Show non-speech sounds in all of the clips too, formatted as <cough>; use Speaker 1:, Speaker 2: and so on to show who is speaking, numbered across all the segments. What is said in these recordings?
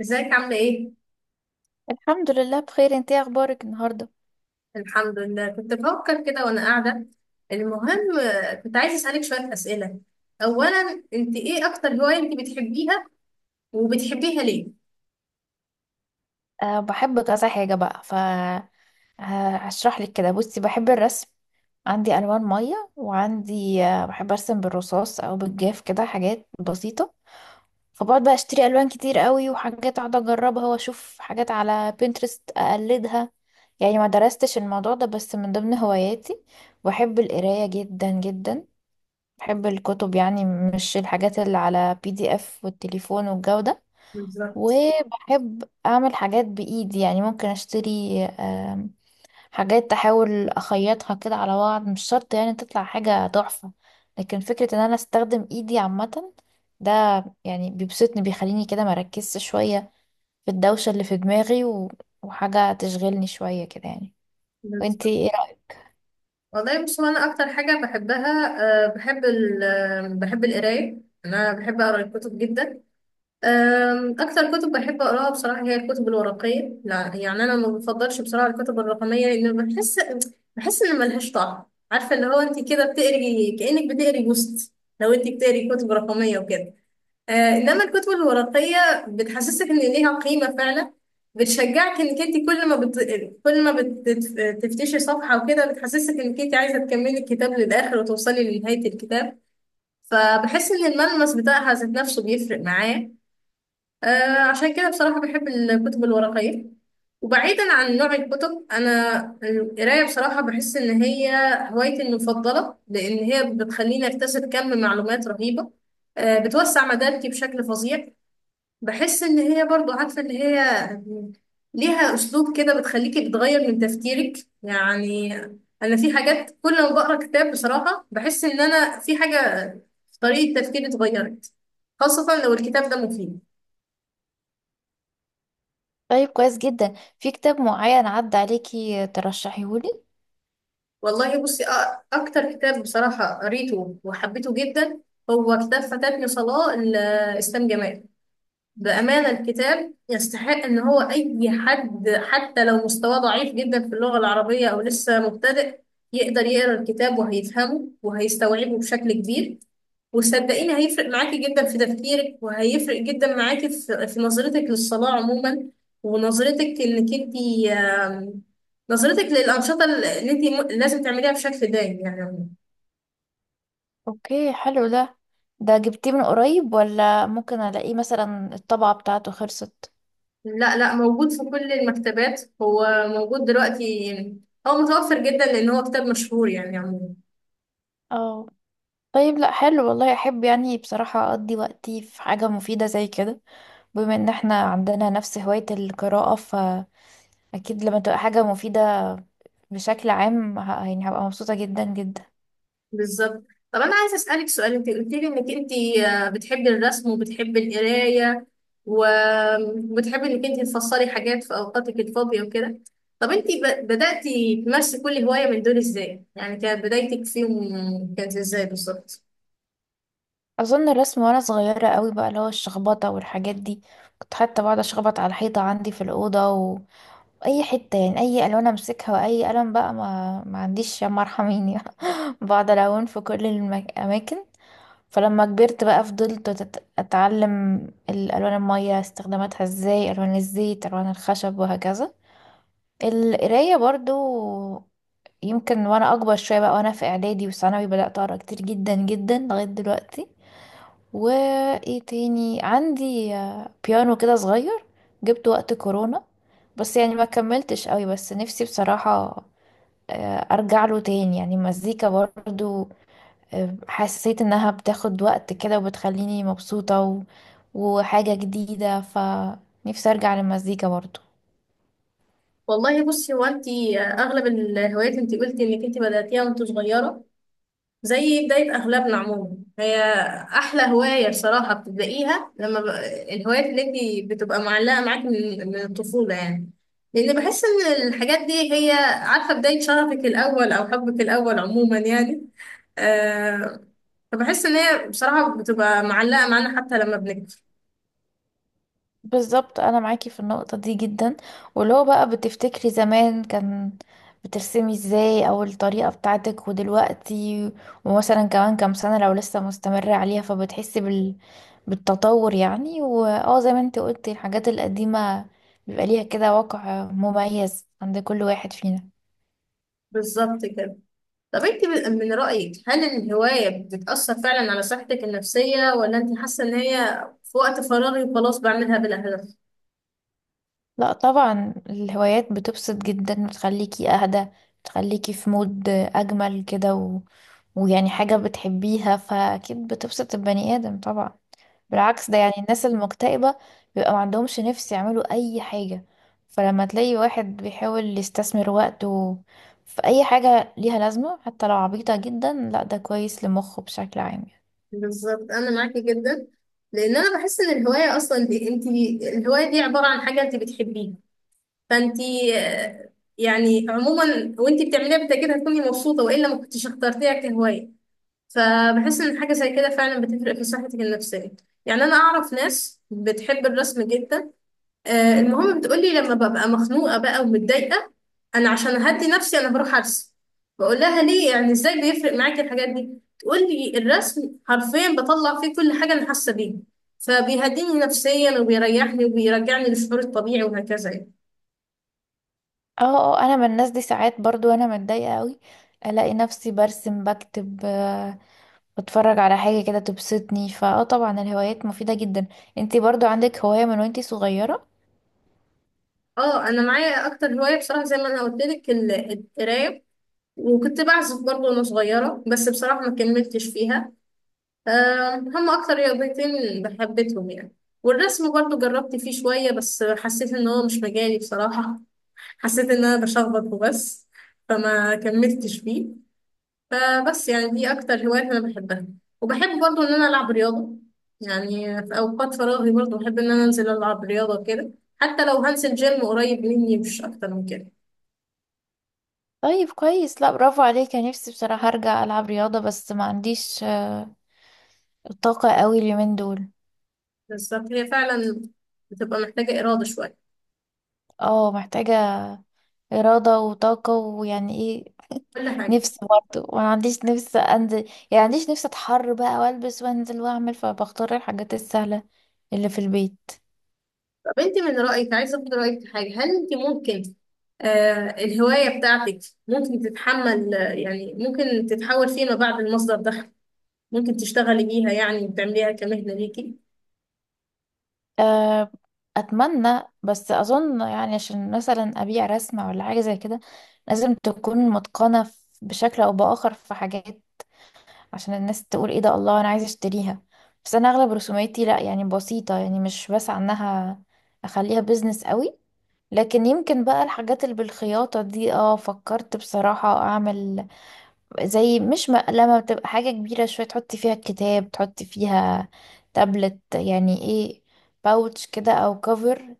Speaker 1: ازيك؟ عاملة ايه؟
Speaker 2: الحمد لله بخير. انت ايه اخبارك النهارده؟
Speaker 1: الحمد لله، كنت بفكر كده وانا قاعدة. المهم كنت عايزة اسألك شوية اسئلة. اولا، انت ايه اكتر هواية انت بتحبيها؟ وبتحبيها ليه؟
Speaker 2: بحب كذا حاجه بقى. هشرح لك كده. بصي، بحب الرسم، عندي الوان ميه وعندي، بحب ارسم بالرصاص او بالجاف كده حاجات بسيطه. فبقعد بقى اشتري الوان كتير قوي وحاجات اقعد اجربها واشوف حاجات على بنترست اقلدها. يعني ما درستش الموضوع ده بس من ضمن هواياتي. بحب القرايه جدا جدا، بحب الكتب، يعني مش الحاجات اللي على بي دي اف والتليفون والجو ده.
Speaker 1: بالظبط.
Speaker 2: وبحب اعمل حاجات بايدي، يعني ممكن اشتري حاجات احاول اخيطها كده على بعض، مش شرط يعني تطلع حاجة تحفة، لكن فكرة ان انا استخدم ايدي عامة ده يعني بيبسطني، بيخليني كده مركزش شوية في الدوشة اللي في دماغي وحاجة تشغلني شوية كده يعني. وانتي
Speaker 1: بالظبط.
Speaker 2: ايه رأيك؟
Speaker 1: والله بص، هو انا اكتر حاجة بحبها، أه بحب ال بحب القراية. انا بحب اقرا الكتب جدا. أكتر كتب بحب أقراها بصراحة هي الكتب الورقية. لا يعني أنا ما بفضلش بصراحة الكتب الرقمية، لأن بحس، بحس إن ملهاش طعم. عارفة اللي هو أنت كده بتقري كأنك بتقري بوست لو أنت بتقري كتب رقمية وكده. آه، إنما الكتب الورقية بتحسسك إن ليها قيمة فعلا، بتشجعك إنك أنت كل ما بتفتشي صفحة وكده بتحسسك إنك أنت عايزة تكملي الكتاب للآخر وتوصلي لنهاية الكتاب. فبحس إن الملمس بتاعها ذات نفسه بيفرق معايا. عشان كده بصراحة بحب الكتب الورقية. وبعيدا عن نوع الكتب، أنا القراية بصراحة بحس إن هي هوايتي المفضلة، لأن هي بتخليني أكتسب كم معلومات رهيبة. بتوسع مداركي بشكل فظيع. بحس إن هي برضو، عارفة، إن هي ليها أسلوب كده بتخليكي بتغير من تفكيرك يعني. أنا في حاجات كل ما بقرأ كتاب بصراحة بحس إن أنا في حاجة في طريقة تفكيري اتغيرت، خاصة لو الكتاب ده مفيد.
Speaker 2: طيب كويس جدا. في كتاب معين عدى عليكي ترشحيهولي؟
Speaker 1: والله بصي، اكتر كتاب بصراحة قريته وحبيته جدا هو كتاب فاتتني صلاة لإسلام جمال. بأمانة الكتاب يستحق ان هو اي حد حتى لو مستواه ضعيف جدا في اللغة العربية او لسه مبتدئ يقدر يقرأ الكتاب وهيفهمه وهيستوعبه بشكل كبير. وصدقيني هيفرق معاكي جدا في تفكيرك، وهيفرق جدا معاكي في نظرتك للصلاة عموما، ونظرتك انك انت، نظرتك للأنشطة اللي انت لازم تعمليها بشكل دايم يعني.
Speaker 2: اوكي، حلو ده. ده جبتيه من قريب ولا ممكن الاقيه، مثلا الطبعة بتاعته خلصت؟
Speaker 1: لا، موجود في كل المكتبات، هو موجود دلوقتي. هو متوفر جدا لأن هو كتاب مشهور يعني عموما.
Speaker 2: اه. طيب لا حلو، والله احب يعني بصراحة اقضي وقتي في حاجة مفيدة زي كده. بما ان احنا عندنا نفس هواية القراءة فاكيد لما تبقى حاجة مفيدة بشكل عام يعني هبقى مبسوطة جدا جدا.
Speaker 1: بالظبط. طب انا عايزه اسالك سؤال. انت قلت لي انك انت بتحبي الرسم وبتحبي القرايه و- وبتحبي انك انت تفصلي حاجات في اوقاتك الفاضيه وكده. طب انت بداتي تمارسي كل هوايه من دول ازاي؟ يعني كانت بدايتك فيهم كانت ازاي بالظبط؟
Speaker 2: أظن الرسم وأنا صغيرة قوي بقى، اللي هو الشخبطة والحاجات دي، كنت حتى بقعد أشخبط على الحيطة عندي في الأوضة، اي حته يعني، اي الوان امسكها واي قلم بقى ما عنديش، يا ارحميني. <laughs> بقعد الون في كل الاماكن. فلما كبرت بقى فضلت اتعلم الالوان الميه استخداماتها ازاي، الوان الزيت، الوان الخشب، وهكذا. القرايه برضو، يمكن وانا اكبر شويه بقى وانا في اعدادي وثانوي بدات اقرا كتير جدا جدا لغايه دلوقتي. وايه تاني عندي، بيانو كده صغير جبته وقت كورونا، بس يعني ما كملتش قوي. بس نفسي بصراحة، ارجع له تاني، يعني المزيكا برضو، حسيت انها بتاخد وقت كده وبتخليني مبسوطة وحاجة جديدة، فنفسي ارجع للمزيكا برضو.
Speaker 1: والله بصي، هو انت اغلب الهوايات انت قلتي انك انت بداتيها وانت صغيره، زي بداية أغلبنا عموما. هي أحلى هواية بصراحة بتبدأيها لما الهوايات اللي انت بتبقى معلقة معاك من الطفولة يعني، لأن بحس إن الحاجات دي هي، عارفة، بداية شغفك الأول أو حبك الأول عموما يعني. آه... فبحس إن هي بصراحة بتبقى معلقة معانا حتى لما بنكبر.
Speaker 2: بالظبط، انا معاكي في النقطة دي جدا. ولو بقى بتفتكري زمان كان بترسمي ازاي او الطريقة بتاعتك ودلوقتي، ومثلا كمان كام سنة لو لسه مستمرة عليها، فبتحسي بالتطور يعني. واه، زي ما انت قلتي، الحاجات القديمة بيبقى ليها كده وقع مميز عند كل واحد فينا.
Speaker 1: بالظبط كده. طب انت من رأيك هل الهواية بتأثر فعلا على صحتك النفسية، ولا انت حاسة إن هي في وقت فراغي وخلاص بعملها بلا هدف؟
Speaker 2: لا طبعا، الهوايات بتبسط جدا، بتخليكي اهدى، بتخليكي في مود اجمل كده، و... ويعني حاجة بتحبيها فاكيد بتبسط البني ادم طبعا. بالعكس، ده يعني الناس المكتئبة بيبقى ما عندهمش نفس يعملوا اي حاجة، فلما تلاقي واحد بيحاول يستثمر وقته في اي حاجة ليها لازمة حتى لو عبيطة جدا، لا ده كويس لمخه بشكل عام يعني.
Speaker 1: بالظبط انا معاكي جدا. لان انا بحس ان الهوايه اصلا دي انت، الهوايه دي عباره عن حاجه انت بتحبيها، فانت آه، يعني عموما وانت بتعمليها بالتاكيد هتكوني مبسوطه، والا ما كنتش اخترتيها كهوايه. فبحس ان حاجه زي كده فعلا بتفرق في صحتك النفسيه. يعني انا اعرف ناس بتحب الرسم جدا. المهم بتقولي لما ببقى مخنوقة بقى ومتضايقة، أنا عشان أهدي نفسي أنا بروح أرسم. بقول لها ليه؟ يعني إزاي بيفرق معاكي الحاجات دي؟ تقولي الرسم حرفيا بطلع فيه كل حاجة أنا حاسة بيها، فبيهديني نفسيا وبيريحني وبيرجعني للشعور الطبيعي وهكذا يعني.
Speaker 2: اه اه، انا من الناس دي. ساعات برضو انا متضايقة قوي الاقي نفسي برسم، بكتب، بتفرج على حاجة كده تبسطني، فاه طبعا الهوايات مفيدة جدا. انتي برضو عندك هواية من وانتي صغيرة؟
Speaker 1: اه، أنا معايا أكتر هواية بصراحة زي ما أنا قلت لك القراية. وكنت بعزف برضه وأنا صغيرة، بس بصراحة ما كملتش فيها. هم أكتر رياضتين بحبتهم يعني. والرسم برضو جربت فيه شوية بس حسيت إن هو مش مجالي بصراحة. حسيت إن أنا بشخبط وبس، فما كملتش فيه. فبس يعني دي أكتر هواية أنا بحبها. وبحب برضو إن أنا ألعب رياضة. يعني في أوقات فراغي برضو بحب إن أنا أنزل ألعب رياضة كده، حتى لو هنزل جيم قريب مني مش أكتر من كده.
Speaker 2: طيب كويس، لا برافو عليك. انا نفسي بصراحة ارجع العب رياضة، بس ما عنديش الطاقة قوي اليومين دول.
Speaker 1: بالظبط، هي فعلا بتبقى محتاجة إرادة شوية،
Speaker 2: اه، محتاجة إرادة وطاقة، ويعني ايه.
Speaker 1: كل حاجة.
Speaker 2: نفسي برضو ما عنديش نفس انزل، يعني عنديش نفس اتحر بقى والبس وانزل واعمل، فبختار الحاجات السهلة اللي في البيت.
Speaker 1: طب انت من رأيك، عايزة اخد رأيك في حاجة، هل انت ممكن، آه، الهواية بتاعتك ممكن تتحمل، يعني ممكن تتحول فيما بعد لمصدر دخل؟ ممكن تشتغلي بيها يعني وتعمليها كمهنة ليكي؟
Speaker 2: أه، اتمنى، بس اظن يعني عشان مثلا ابيع رسمة ولا حاجة زي كده لازم تكون متقنة بشكل او باخر في حاجات، عشان الناس تقول ايه ده، الله انا عايزة اشتريها. بس انا اغلب رسوماتي لا يعني بسيطة، يعني مش بسعى انها اخليها بيزنس قوي. لكن يمكن بقى الحاجات اللي بالخياطة دي، اه فكرت بصراحة اعمل زي مش مقلمة، بتبقى حاجة كبيرة شوية تحطي فيها الكتاب، تحطي فيها تابلت، يعني ايه، باوتش كده او كفر.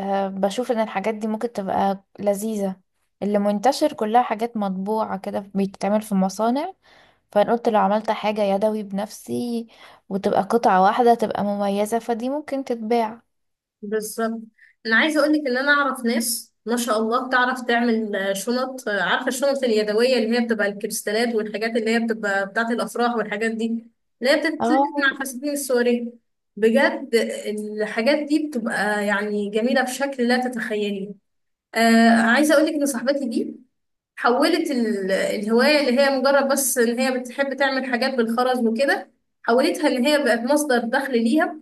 Speaker 2: أه، بشوف ان الحاجات دي ممكن تبقى لذيذة، اللي منتشر كلها حاجات مطبوعة كده بتتعمل في مصانع، فانا قلت لو عملت حاجة يدوي بنفسي وتبقى قطعة واحدة تبقى مميزة، فدي ممكن تتباع.
Speaker 1: بالظبط. انا عايزة اقولك ان انا اعرف ناس ما شاء الله تعرف تعمل، شنط، عارفة الشنط اليدوية اللي هي بتبقى الكريستالات والحاجات اللي هي بتبقى بتاعة الافراح والحاجات دي، اللي هي بتتلبس مع
Speaker 2: اه
Speaker 1: الفساتين السورية. بجد الحاجات دي بتبقى يعني جميلة بشكل لا تتخيلي. آه، عايزة أقولك إن صاحبتي دي حولت الهواية اللي هي مجرد بس إن هي بتحب تعمل حاجات بالخرز وكده، حولتها إن هي بقت مصدر دخل ليها.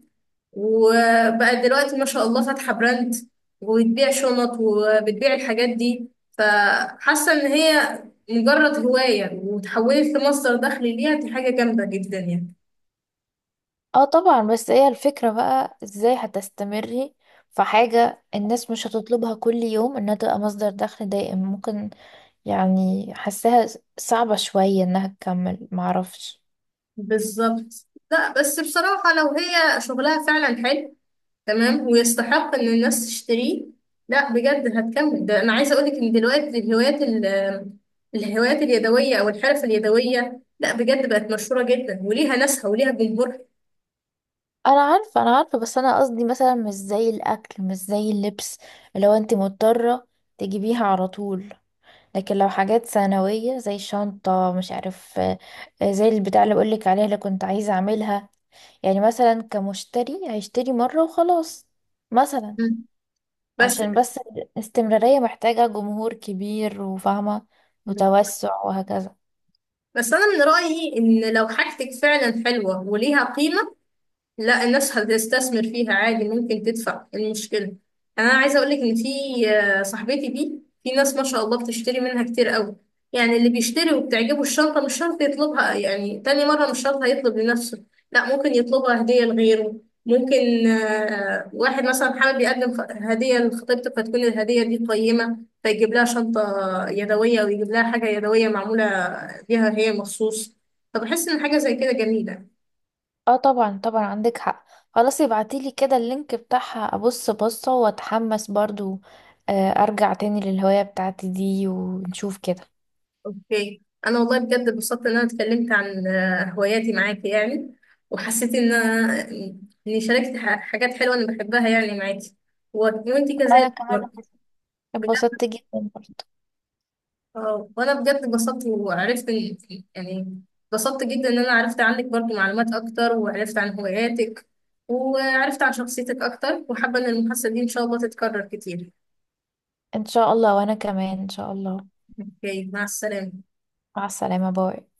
Speaker 1: وبقت دلوقتي ما شاء الله فاتحة براند وبتبيع شنط وبتبيع الحاجات دي. فحاسة إن هي مجرد هواية وتحولت لمصدر دخل ليها، دي حاجة جامدة جدا يعني.
Speaker 2: اه طبعا. بس هي الفكرة بقى ازاي هتستمري في حاجة الناس مش هتطلبها كل يوم، انها تبقى مصدر دخل دائم ممكن، يعني حاساها صعبة شوية انها تكمل، معرفش.
Speaker 1: بالظبط. لا بس بصراحة لو هي شغلها فعلا حلو تمام ويستحق ان الناس تشتريه، لا بجد هتكمل. ده انا عايزه اقول لك ان دلوقتي الهوايات الهوايات اليدويه او الحرف اليدويه لا بجد بقت مشهوره جدا وليها ناسها وليها جمهورها.
Speaker 2: انا عارفة انا عارفة، بس انا قصدي مثلا مش زي الاكل مش زي اللبس لو انت مضطرة تجيبيها على طول، لكن لو حاجات ثانوية زي شنطة مش عارف، زي البتاع اللي بقولك عليها اللي كنت عايزة اعملها، يعني مثلا كمشتري هيشتري مرة وخلاص مثلا،
Speaker 1: مم. بس،
Speaker 2: عشان بس الاستمرارية محتاجة جمهور كبير وفاهمة وتوسع وهكذا.
Speaker 1: بس انا من رايي ان لو حاجتك فعلا حلوه وليها قيمه، لا الناس هتستثمر فيها عادي. ممكن تدفع، إيه المشكلة؟ يعني أنا عايزة أقولك إن في، صاحبتي دي في ناس ما شاء الله بتشتري منها كتير قوي. يعني اللي بيشتري وبتعجبه الشنطة مش شرط يطلبها يعني تاني مرة، مش شرط هيطلب لنفسه، لا ممكن يطلبها هدية لغيره. ممكن واحد مثلا حابب يقدم هدية لخطيبته فتكون الهدية دي قيمة، فيجيب لها شنطة يدوية، ويجيب لها حاجة يدوية معمولة بيها هي مخصوص. فبحس إن حاجة زي كده جميلة.
Speaker 2: اه طبعا طبعا عندك حق، خلاص ابعتيلي كده اللينك بتاعها ابص بصة واتحمس برضو، ارجع تاني للهواية بتاعتي دي ونشوف كده.
Speaker 1: اوكي. انا والله بجد اتبسطت ان انا اتكلمت عن هواياتي معاكي يعني، وحسيت ان اني شاركت حاجات حلوه انا بحبها يعني معاكي، وانتي
Speaker 2: انا
Speaker 1: كذلك
Speaker 2: كمان
Speaker 1: برضه. بجد.
Speaker 2: اتبسطت جدا برضو.
Speaker 1: وانا بجد اتبسطت وعرفت يعني اتبسطت جدا ان انا عرفت عنك برضه معلومات اكتر، وعرفت عن هواياتك، وعرفت عن شخصيتك اكتر، وحابه ان المحادثه دي ان شاء الله تتكرر كتير.
Speaker 2: ان شاء الله، وانا كمان ان شاء الله.
Speaker 1: اوكي، مع السلامه.
Speaker 2: مع السلامة، باي.